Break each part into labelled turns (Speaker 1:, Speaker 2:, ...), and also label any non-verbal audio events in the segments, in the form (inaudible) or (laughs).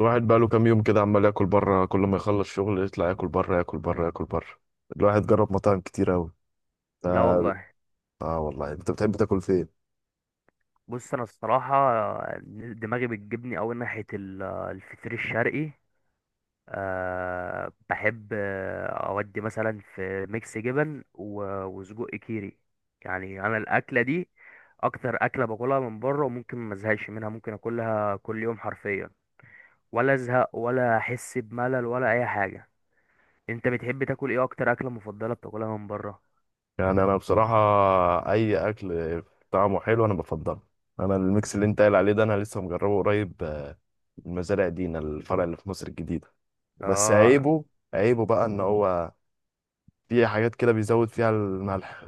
Speaker 1: الواحد بقاله كام يوم كده عمال ياكل بره، كل ما يخلص شغل يطلع ياكل بره ياكل بره ياكل بره. الواحد جرب مطاعم كتير قوي.
Speaker 2: لا
Speaker 1: آه,
Speaker 2: والله.
Speaker 1: اه والله، انت بتحب تاكل فين؟
Speaker 2: بص، انا الصراحه دماغي بتجيبني قوي ناحيه الفطير الشرقي. أه بحب، اودي مثلا في ميكس جبن وسجق كيري. يعني انا الاكله دي اكتر اكله باكلها من بره، وممكن ما ازهقش منها، ممكن اكلها كل يوم حرفيا، ولا ازهق ولا احس بملل ولا اي حاجه. انت بتحب تاكل ايه؟ اكتر اكله مفضله بتاكلها من بره؟
Speaker 1: يعني انا بصراحه، اي اكل طعمه حلو انا بفضله. انا الميكس اللي انت قايل عليه ده انا لسه مجربه قريب. من مزارع دينا، الفرع اللي في مصر الجديده. بس
Speaker 2: اه.
Speaker 1: عيبه، عيبه بقى ان هو في حاجات كده بيزود فيها الملح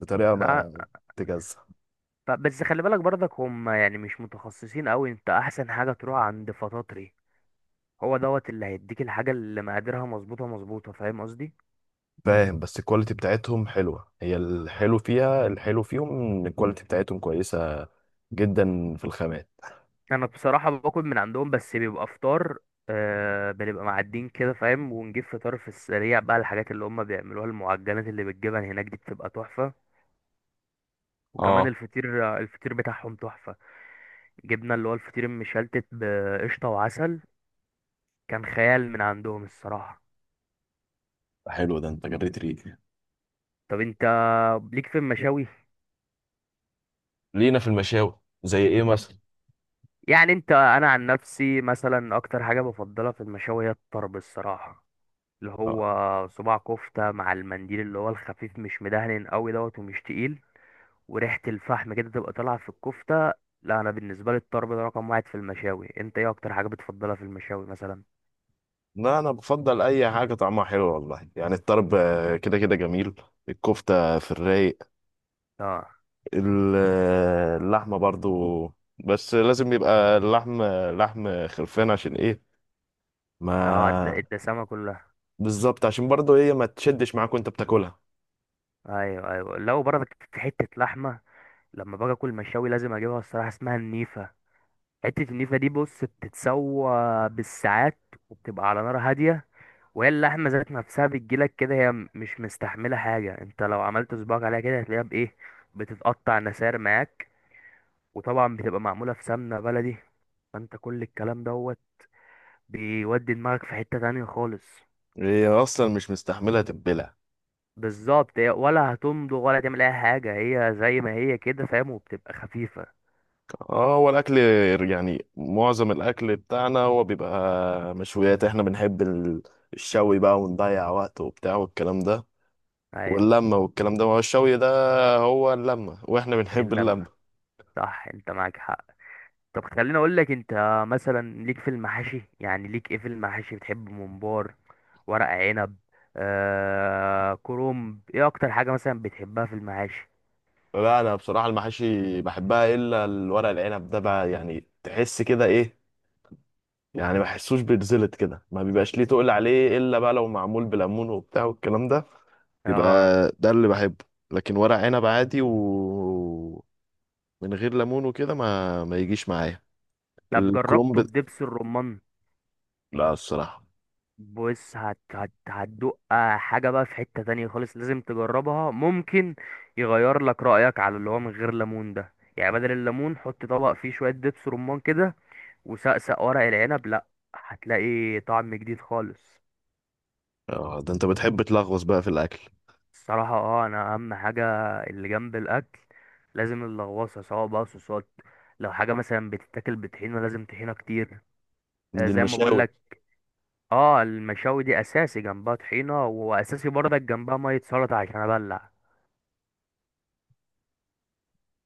Speaker 1: بطريقه
Speaker 2: لا،
Speaker 1: ما تجزع.
Speaker 2: بس خلي بالك برضك، هم يعني مش متخصصين قوي. انت احسن حاجة تروح عند فطاطري، هو دوت اللي هيديك الحاجة اللي مقاديرها مظبوطة مظبوطة، فاهم قصدي؟
Speaker 1: فاهم، بس الكواليتي بتاعتهم حلوة، هي الحلو فيها، الحلو فيهم ان الكواليتي بتاعتهم كويسة جدا في الخامات.
Speaker 2: انا بصراحة باكل من عندهم بس بيبقى فطار. آه، بنبقى معدين كده فاهم، ونجيب فطار في السريع بقى. الحاجات اللي هم بيعملوها، المعجنات اللي بالجبن هناك دي بتبقى تحفة. وكمان
Speaker 1: اه،
Speaker 2: الفطير بتاعهم تحفة. جبنا اللي هو الفطير المشلتت بقشطة وعسل، كان خيال من عندهم الصراحة.
Speaker 1: حلو ده، انت جريت ريقي.
Speaker 2: طب انت ليك في المشاوي؟
Speaker 1: لينا في المشاوي زي ايه
Speaker 2: طب،
Speaker 1: مثلا؟
Speaker 2: يعني انت، انا عن نفسي مثلا اكتر حاجه بفضلها في المشاوي هي الطرب الصراحه، اللي
Speaker 1: اه،
Speaker 2: هو صباع كفته مع المنديل اللي هو الخفيف مش مدهن قوي دوت ومش تقيل، وريحه الفحم كده تبقى طالعه في الكفته. لا انا بالنسبه لي الطرب ده رقم 1 في المشاوي. انت ايه اكتر حاجه بتفضلها في المشاوي مثلا؟
Speaker 1: لا انا بفضل اي حاجه طعمها حلو والله. يعني الطرب كده كده جميل، الكفته في الرايق.
Speaker 2: اه،
Speaker 1: اللحمه برضو، بس لازم يبقى اللحم لحم خرفان. عشان ايه؟
Speaker 2: اه،
Speaker 1: ما
Speaker 2: الدسامه كلها.
Speaker 1: بالظبط، عشان برضو ايه؟ ما تشدش معاك وانت بتاكلها،
Speaker 2: ايوه، ايوه، لو برضك في حته لحمه، لما باجي اكل مشاوي لازم اجيبها الصراحه، اسمها النيفه. حته النيفه دي بص، بتتسوى بالساعات، وبتبقى على نار هاديه، وهي اللحمة ذات نفسها بتجيلك كده، هي مش مستحملة حاجة، انت لو عملت صباعك عليها كده هتلاقيها بايه؟ بتتقطع نسار معاك. وطبعا بتبقى معمولة في سمنة بلدي. فانت كل الكلام دوت بيودي دماغك في حتة تانية خالص.
Speaker 1: هي اصلا مش مستحمله تتبلع.
Speaker 2: بالظبط، هي ولا هتمضغ ولا تعمل اي حاجة، هي زي ما هي كده فاهم، وبتبقى خفيفة.
Speaker 1: اه، هو الاكل يعني معظم الاكل بتاعنا هو بيبقى مشويات. احنا بنحب الشوي بقى، ونضيع وقت وبتاع والكلام ده،
Speaker 2: ايوه،
Speaker 1: واللمه والكلام ده. ما هو الشوي ده هو اللمه، واحنا بنحب
Speaker 2: اللمة
Speaker 1: اللمه.
Speaker 2: صح، انت معاك حق. طب خليني اقول لك انت، مثلا ليك في المحاشي؟ يعني ليك ايه في المحاشي؟ بتحب ممبار؟ ورق عنب؟ آه، كرنب؟ ايه اكتر حاجة مثلا بتحبها في المحاشي؟
Speaker 1: لا انا بصراحه المحاشي بحبها، الا الورق العنب ده بقى، يعني تحس كده ايه يعني، ما بحسوش، بيتزلط كده، ما بيبقاش ليه تقول عليه. الا بقى لو معمول بليمون وبتاع والكلام ده، يبقى
Speaker 2: اه.
Speaker 1: ده اللي بحبه. لكن ورق عنب عادي ومن غير ليمون وكده ما يجيش معايا.
Speaker 2: طب
Speaker 1: الكرنب؟
Speaker 2: جربته بدبس الرمان؟
Speaker 1: لا الصراحة.
Speaker 2: بص، هت هت هتدوق حاجة بقى في حتة تانية خالص، لازم تجربها. ممكن يغير لك رأيك على اللي هو من غير ليمون ده، يعني بدل الليمون حط طبق فيه شوية دبس رمان كده، وسقسق ورق العنب، لا، هتلاقي طعم جديد خالص.
Speaker 1: اه، ده انت بتحب تلغوص بقى في الاكل.
Speaker 2: الصراحة اه، انا اهم حاجة اللي جنب الاكل لازم اللغوصة، سواء بقى صوصات، لو حاجة مثلا بتتاكل بطحينة لازم طحينة كتير.
Speaker 1: من
Speaker 2: زي ما
Speaker 1: المشاوي؟
Speaker 2: بقولك، اه المشاوي دي اساسي جنبها طحينة، واساسي برضك جنبها مية سلطة عشان ابلع.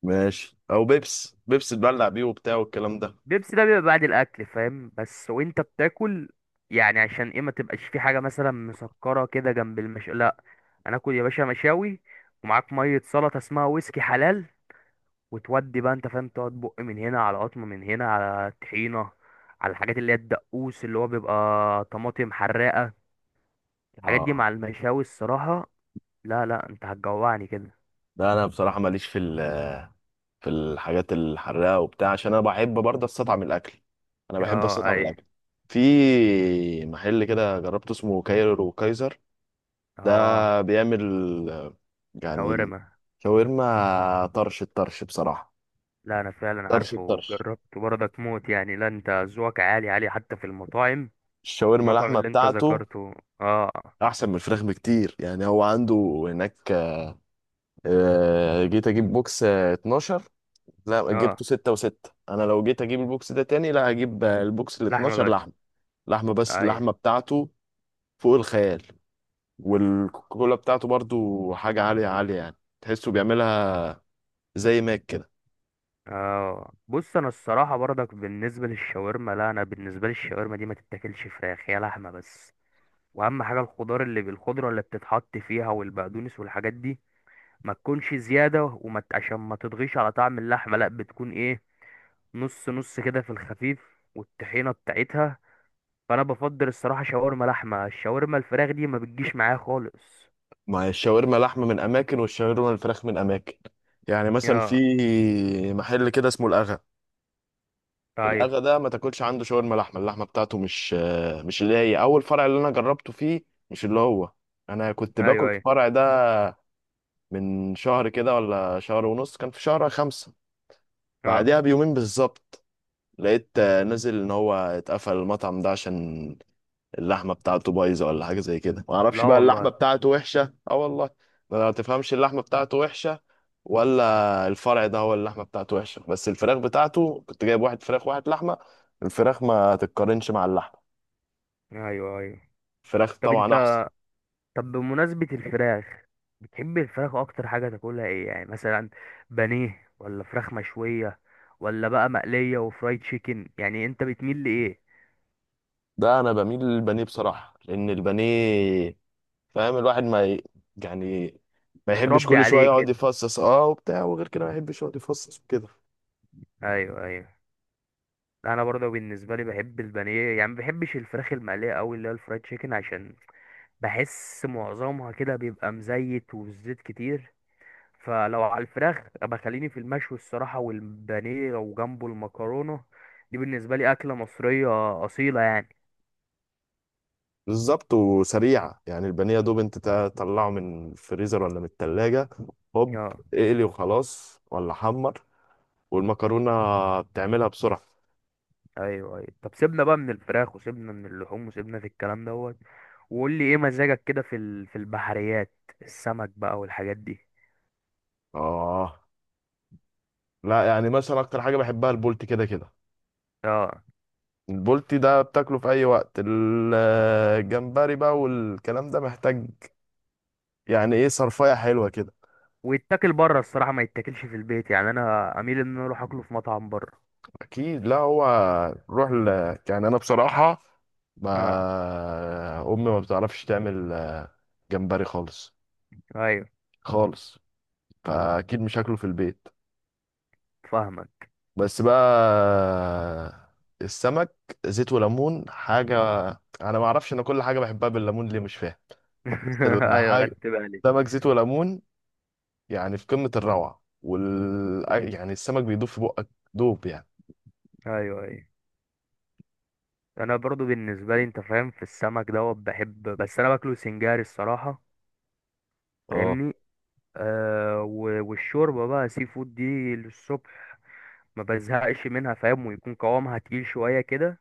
Speaker 1: ماشي، او بيبس بيبس تبلع بيه وبتاع والكلام ده.
Speaker 2: بيبسي ده بيبقى بعد الاكل فاهم، بس وانت بتاكل يعني عشان ايه؟ ما تبقاش في حاجة مثلا مسكرة كده جنب المشاوي. لا، انا اكل يا باشا مشاوي، ومعاك مية سلطة اسمها ويسكي حلال، وتودي بقى انت فاهم، تقعد بق من هنا، على قطمة من هنا، على طحينة، على الحاجات اللي هي الدقوس اللي هو بيبقى طماطم حراقة. الحاجات دي
Speaker 1: اه،
Speaker 2: مع المشاوي الصراحة. لا لا، انت هتجوعني كده.
Speaker 1: ده انا بصراحة ماليش في الحاجات الحراقة وبتاع، عشان انا بحب برضه استطعم الاكل، انا بحب
Speaker 2: اه،
Speaker 1: استطعم
Speaker 2: اي،
Speaker 1: الاكل. في محل كده جربته اسمه كايرو كايزر،
Speaker 2: اه،
Speaker 1: ده بيعمل يعني
Speaker 2: شاورما.
Speaker 1: شاورما، طرش الطرش بصراحة.
Speaker 2: لا، انا فعلا
Speaker 1: طرش
Speaker 2: عارفه
Speaker 1: الطرش،
Speaker 2: وجربته برضك، موت يعني. لا، انت ذوقك عالي عالي حتى في المطاعم.
Speaker 1: الشاورما
Speaker 2: المطعم
Speaker 1: اللحمة
Speaker 2: اللي انت
Speaker 1: بتاعته
Speaker 2: ذكرته، اه.
Speaker 1: أحسن من الفراخ بكتير. يعني هو عنده هناك، جيت أجيب بوكس 12. لا،
Speaker 2: اه،
Speaker 1: جبته 6 و6. أنا لو جيت أجيب البوكس ده تاني، لا هجيب البوكس ال
Speaker 2: لحمة
Speaker 1: 12،
Speaker 2: بس،
Speaker 1: لحمة. لحمة بس،
Speaker 2: اي،
Speaker 1: اللحمة بتاعته فوق الخيال. والكوكولا بتاعته برضو حاجة عالية عالية، يعني تحسه بيعملها زي ماك.
Speaker 2: اه. بص، انا الصراحه برضك بالنسبه للشاورما، لا انا بالنسبه لي الشاورما دي ما تتاكلش فراخ، هي لحمه بس. واهم حاجه الخضار اللي بالخضره اللي بتتحط فيها والبقدونس والحاجات دي، ما تكونش زياده، عشان ما تضغيش على طعم اللحمه. لا، بتكون ايه؟ نص نص كده في الخفيف، والطحينه بتاعتها. فانا بفضل الصراحه شاورما لحمه، الشاورما الفراخ دي ما بتجيش معايا خالص.
Speaker 1: ما هي الشاورما لحمة من أماكن، والشاورما الفراخ من أماكن. يعني مثلا في
Speaker 2: اه،
Speaker 1: محل كده اسمه الأغا،
Speaker 2: ايوه،
Speaker 1: الأغا ده ما تاكلش عنده شاورما لحمة، اللحمة بتاعته مش، مش اللي هي أول فرع اللي أنا جربته فيه. مش اللي هو، أنا كنت
Speaker 2: ايوه،
Speaker 1: باكل في
Speaker 2: ايوه،
Speaker 1: الفرع ده من شهر كده ولا شهر ونص، كان في شهر خمسة.
Speaker 2: اه،
Speaker 1: بعدها بيومين بالظبط لقيت نزل إن هو اتقفل المطعم ده، عشان اللحمه بتاعته بايظه ولا حاجه زي كده، ما
Speaker 2: لا
Speaker 1: اعرفش بقى. اللحمه
Speaker 2: والله،
Speaker 1: بتاعته وحشه، اه والله. ما تفهمش، اللحمه بتاعته وحشه، ولا الفرع ده هو اللحمه بتاعته وحشه. بس الفراخ بتاعته، كنت جايب واحد فراخ واحد لحمه، الفراخ ما تتقارنش مع اللحمه.
Speaker 2: ايوه، ايوه.
Speaker 1: الفراخ
Speaker 2: طب انت،
Speaker 1: طبعا احسن.
Speaker 2: طب بمناسبة الفراخ، بتحب الفراخ؟ اكتر حاجة تاكلها ايه؟ يعني مثلا بانيه ولا فراخ مشوية؟ ولا بقى مقلية وفرايد تشيكن؟ يعني انت بتميل لايه؟
Speaker 1: ده انا بميل للبانيه بصراحه، لان البانيه فاهم، الواحد ما ي- يعني ما يحبش
Speaker 2: متربي
Speaker 1: كل شويه
Speaker 2: عليه
Speaker 1: يقعد
Speaker 2: كده،
Speaker 1: يفصص اه وبتاع. وغير كده، ما يحبش يقعد يفصص وكده.
Speaker 2: ايوه، ايوه. انا برضه بالنسبة لي بحب البانيه يعني، ما بحبش الفراخ المقلية قوي اللي هي الفرايد تشيكن، عشان بحس معظمها كده بيبقى مزيت وزيت كتير. فلو على الفراخ بخليني في المشوي الصراحة، والبانيه وجنبه المكرونة دي بالنسبة لي أكلة مصرية أصيلة يعني.
Speaker 1: بالظبط، وسريعة، يعني البانيه دوب انت تطلعه من الفريزر ولا من التلاجة، هوب
Speaker 2: اه،
Speaker 1: اقلي وخلاص، ولا حمر. والمكرونة بتعملها بسرعة.
Speaker 2: ايوه، ايوه، طب سيبنا بقى من الفراخ، وسيبنا من اللحوم، وسيبنا في الكلام دوت، وقول لي ايه مزاجك كده في ال… في البحريات؟ السمك بقى والحاجات دي.
Speaker 1: اه، لا يعني مثلا اكتر حاجة بحبها البولتي كده كده.
Speaker 2: اه،
Speaker 1: البولتي ده بتاكله في اي وقت. الجمبري بقى والكلام ده محتاج يعني ايه، صرفية حلوة كده.
Speaker 2: ويتاكل بره الصراحه، ما يتاكلش في البيت يعني، انا اميل ان انا اروح اكله في مطعم بره.
Speaker 1: اكيد، لا هو. روح ل... يعني انا بصراحة،
Speaker 2: اه،
Speaker 1: ما امي ما بتعرفش تعمل جمبري خالص،
Speaker 2: ايوه،
Speaker 1: خالص. فاكيد مش هاكله في البيت.
Speaker 2: فاهمك.
Speaker 1: بس بقى السمك، زيت وليمون حاجه. انا ما اعرفش، انا كل حاجه بحبها بالليمون ليه مش فاهم. بس
Speaker 2: (laughs) ايوه،
Speaker 1: الحاجه،
Speaker 2: خدت بالي.
Speaker 1: سمك زيت وليمون يعني في قمه الروعه، وال، يعني السمك بيدوب في بقك، دوب يعني.
Speaker 2: ايوه، ايوه، انا برضو بالنسبه لي انت فاهم في السمك دوت، بحب. بس انا باكله سنجاري الصراحه،
Speaker 1: اه،
Speaker 2: فاهمني. والشوربه بقى، سي فود دي، للصبح ما بزهقش منها فاهم، ويكون قوامها تقيل شوية كده،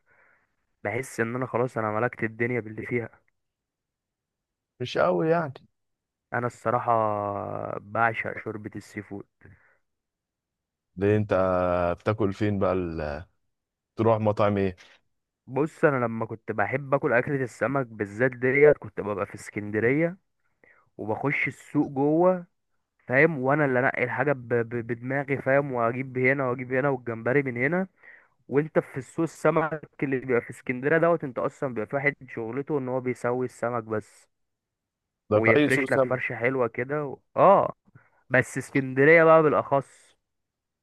Speaker 2: بحس ان انا خلاص انا ملكت الدنيا باللي فيها.
Speaker 1: مش قوي يعني.
Speaker 2: انا الصراحة بعشق شوربة السي فود.
Speaker 1: ليه انت بتاكل فين بقى؟ تروح مطاعم ايه؟
Speaker 2: بص، انا لما كنت بحب اكل اكلة السمك بالذات ديت، كنت ببقى في اسكندرية، وبخش السوق جوه فاهم، وانا اللي انقي الحاجة بدماغي فاهم، واجيب هنا، واجيب هنا، والجمبري من هنا. وانت في السوق السمك اللي بيبقى في اسكندرية دوت، انت اصلا بيبقى في واحد شغلته ان هو بيسوي السمك بس،
Speaker 1: ده في اي
Speaker 2: ويفرش
Speaker 1: سوق
Speaker 2: لك
Speaker 1: سمك؟
Speaker 2: فرشة حلوة كده اه، بس اسكندرية بقى بالأخص.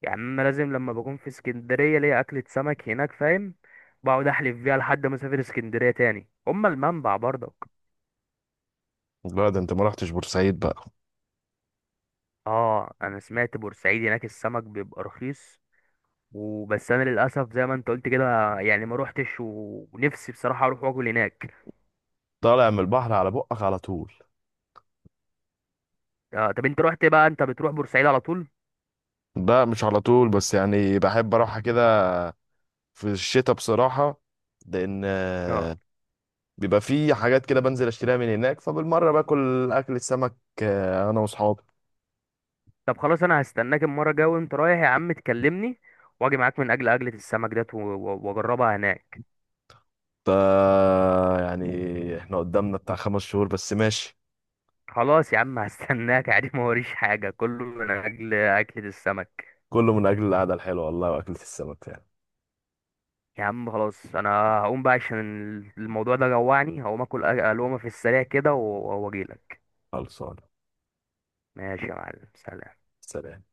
Speaker 2: يعني أنا لازم لما بكون في اسكندرية ليا أكلة سمك هناك فاهم، بقعد أحلف بيها لحد ما أسافر اسكندرية تاني. أما المنبع برضك.
Speaker 1: لا ده انت ما رحتش بورسعيد بقى.
Speaker 2: آه، أنا سمعت بورسعيد هناك السمك بيبقى رخيص وبس. أنا للأسف زي ما أنت قلت كده يعني، ما روحتش، ونفسي بصراحة أروح وأكل هناك.
Speaker 1: طالع من البحر على بقك على طول.
Speaker 2: آه، طب أنت روحت بقى؟ أنت بتروح بورسعيد على طول؟
Speaker 1: لا مش على طول، بس يعني بحب اروح كده في الشتاء بصراحة، لأن
Speaker 2: آه،
Speaker 1: آه، بيبقى في حاجات كده بنزل أشتريها من هناك، فبالمرة باكل أكل السمك أنا وأصحابي.
Speaker 2: طب خلاص أنا هستناك المرة الجاية، وأنت رايح يا عم تكلمني، وأجي معاك من أجل أكلة السمك ديت، وأجربها هناك.
Speaker 1: ف يعني إحنا قدامنا بتاع 5 شهور بس، ماشي.
Speaker 2: خلاص يا عم هستناك. (laughs) عادي، ما وريش حاجة، كله من أجل أكلة السمك.
Speaker 1: كله من أجل القعدة الحلوة والله، وأكلة السمك يعني.
Speaker 2: يا عم خلاص أنا هقوم بقى عشان الموضوع ده جوعني. هقوم أكل ألومة في السريع كده، وأجيلك.
Speaker 1: خلصانة.
Speaker 2: ماشي يا معلم، سلام.
Speaker 1: سلام.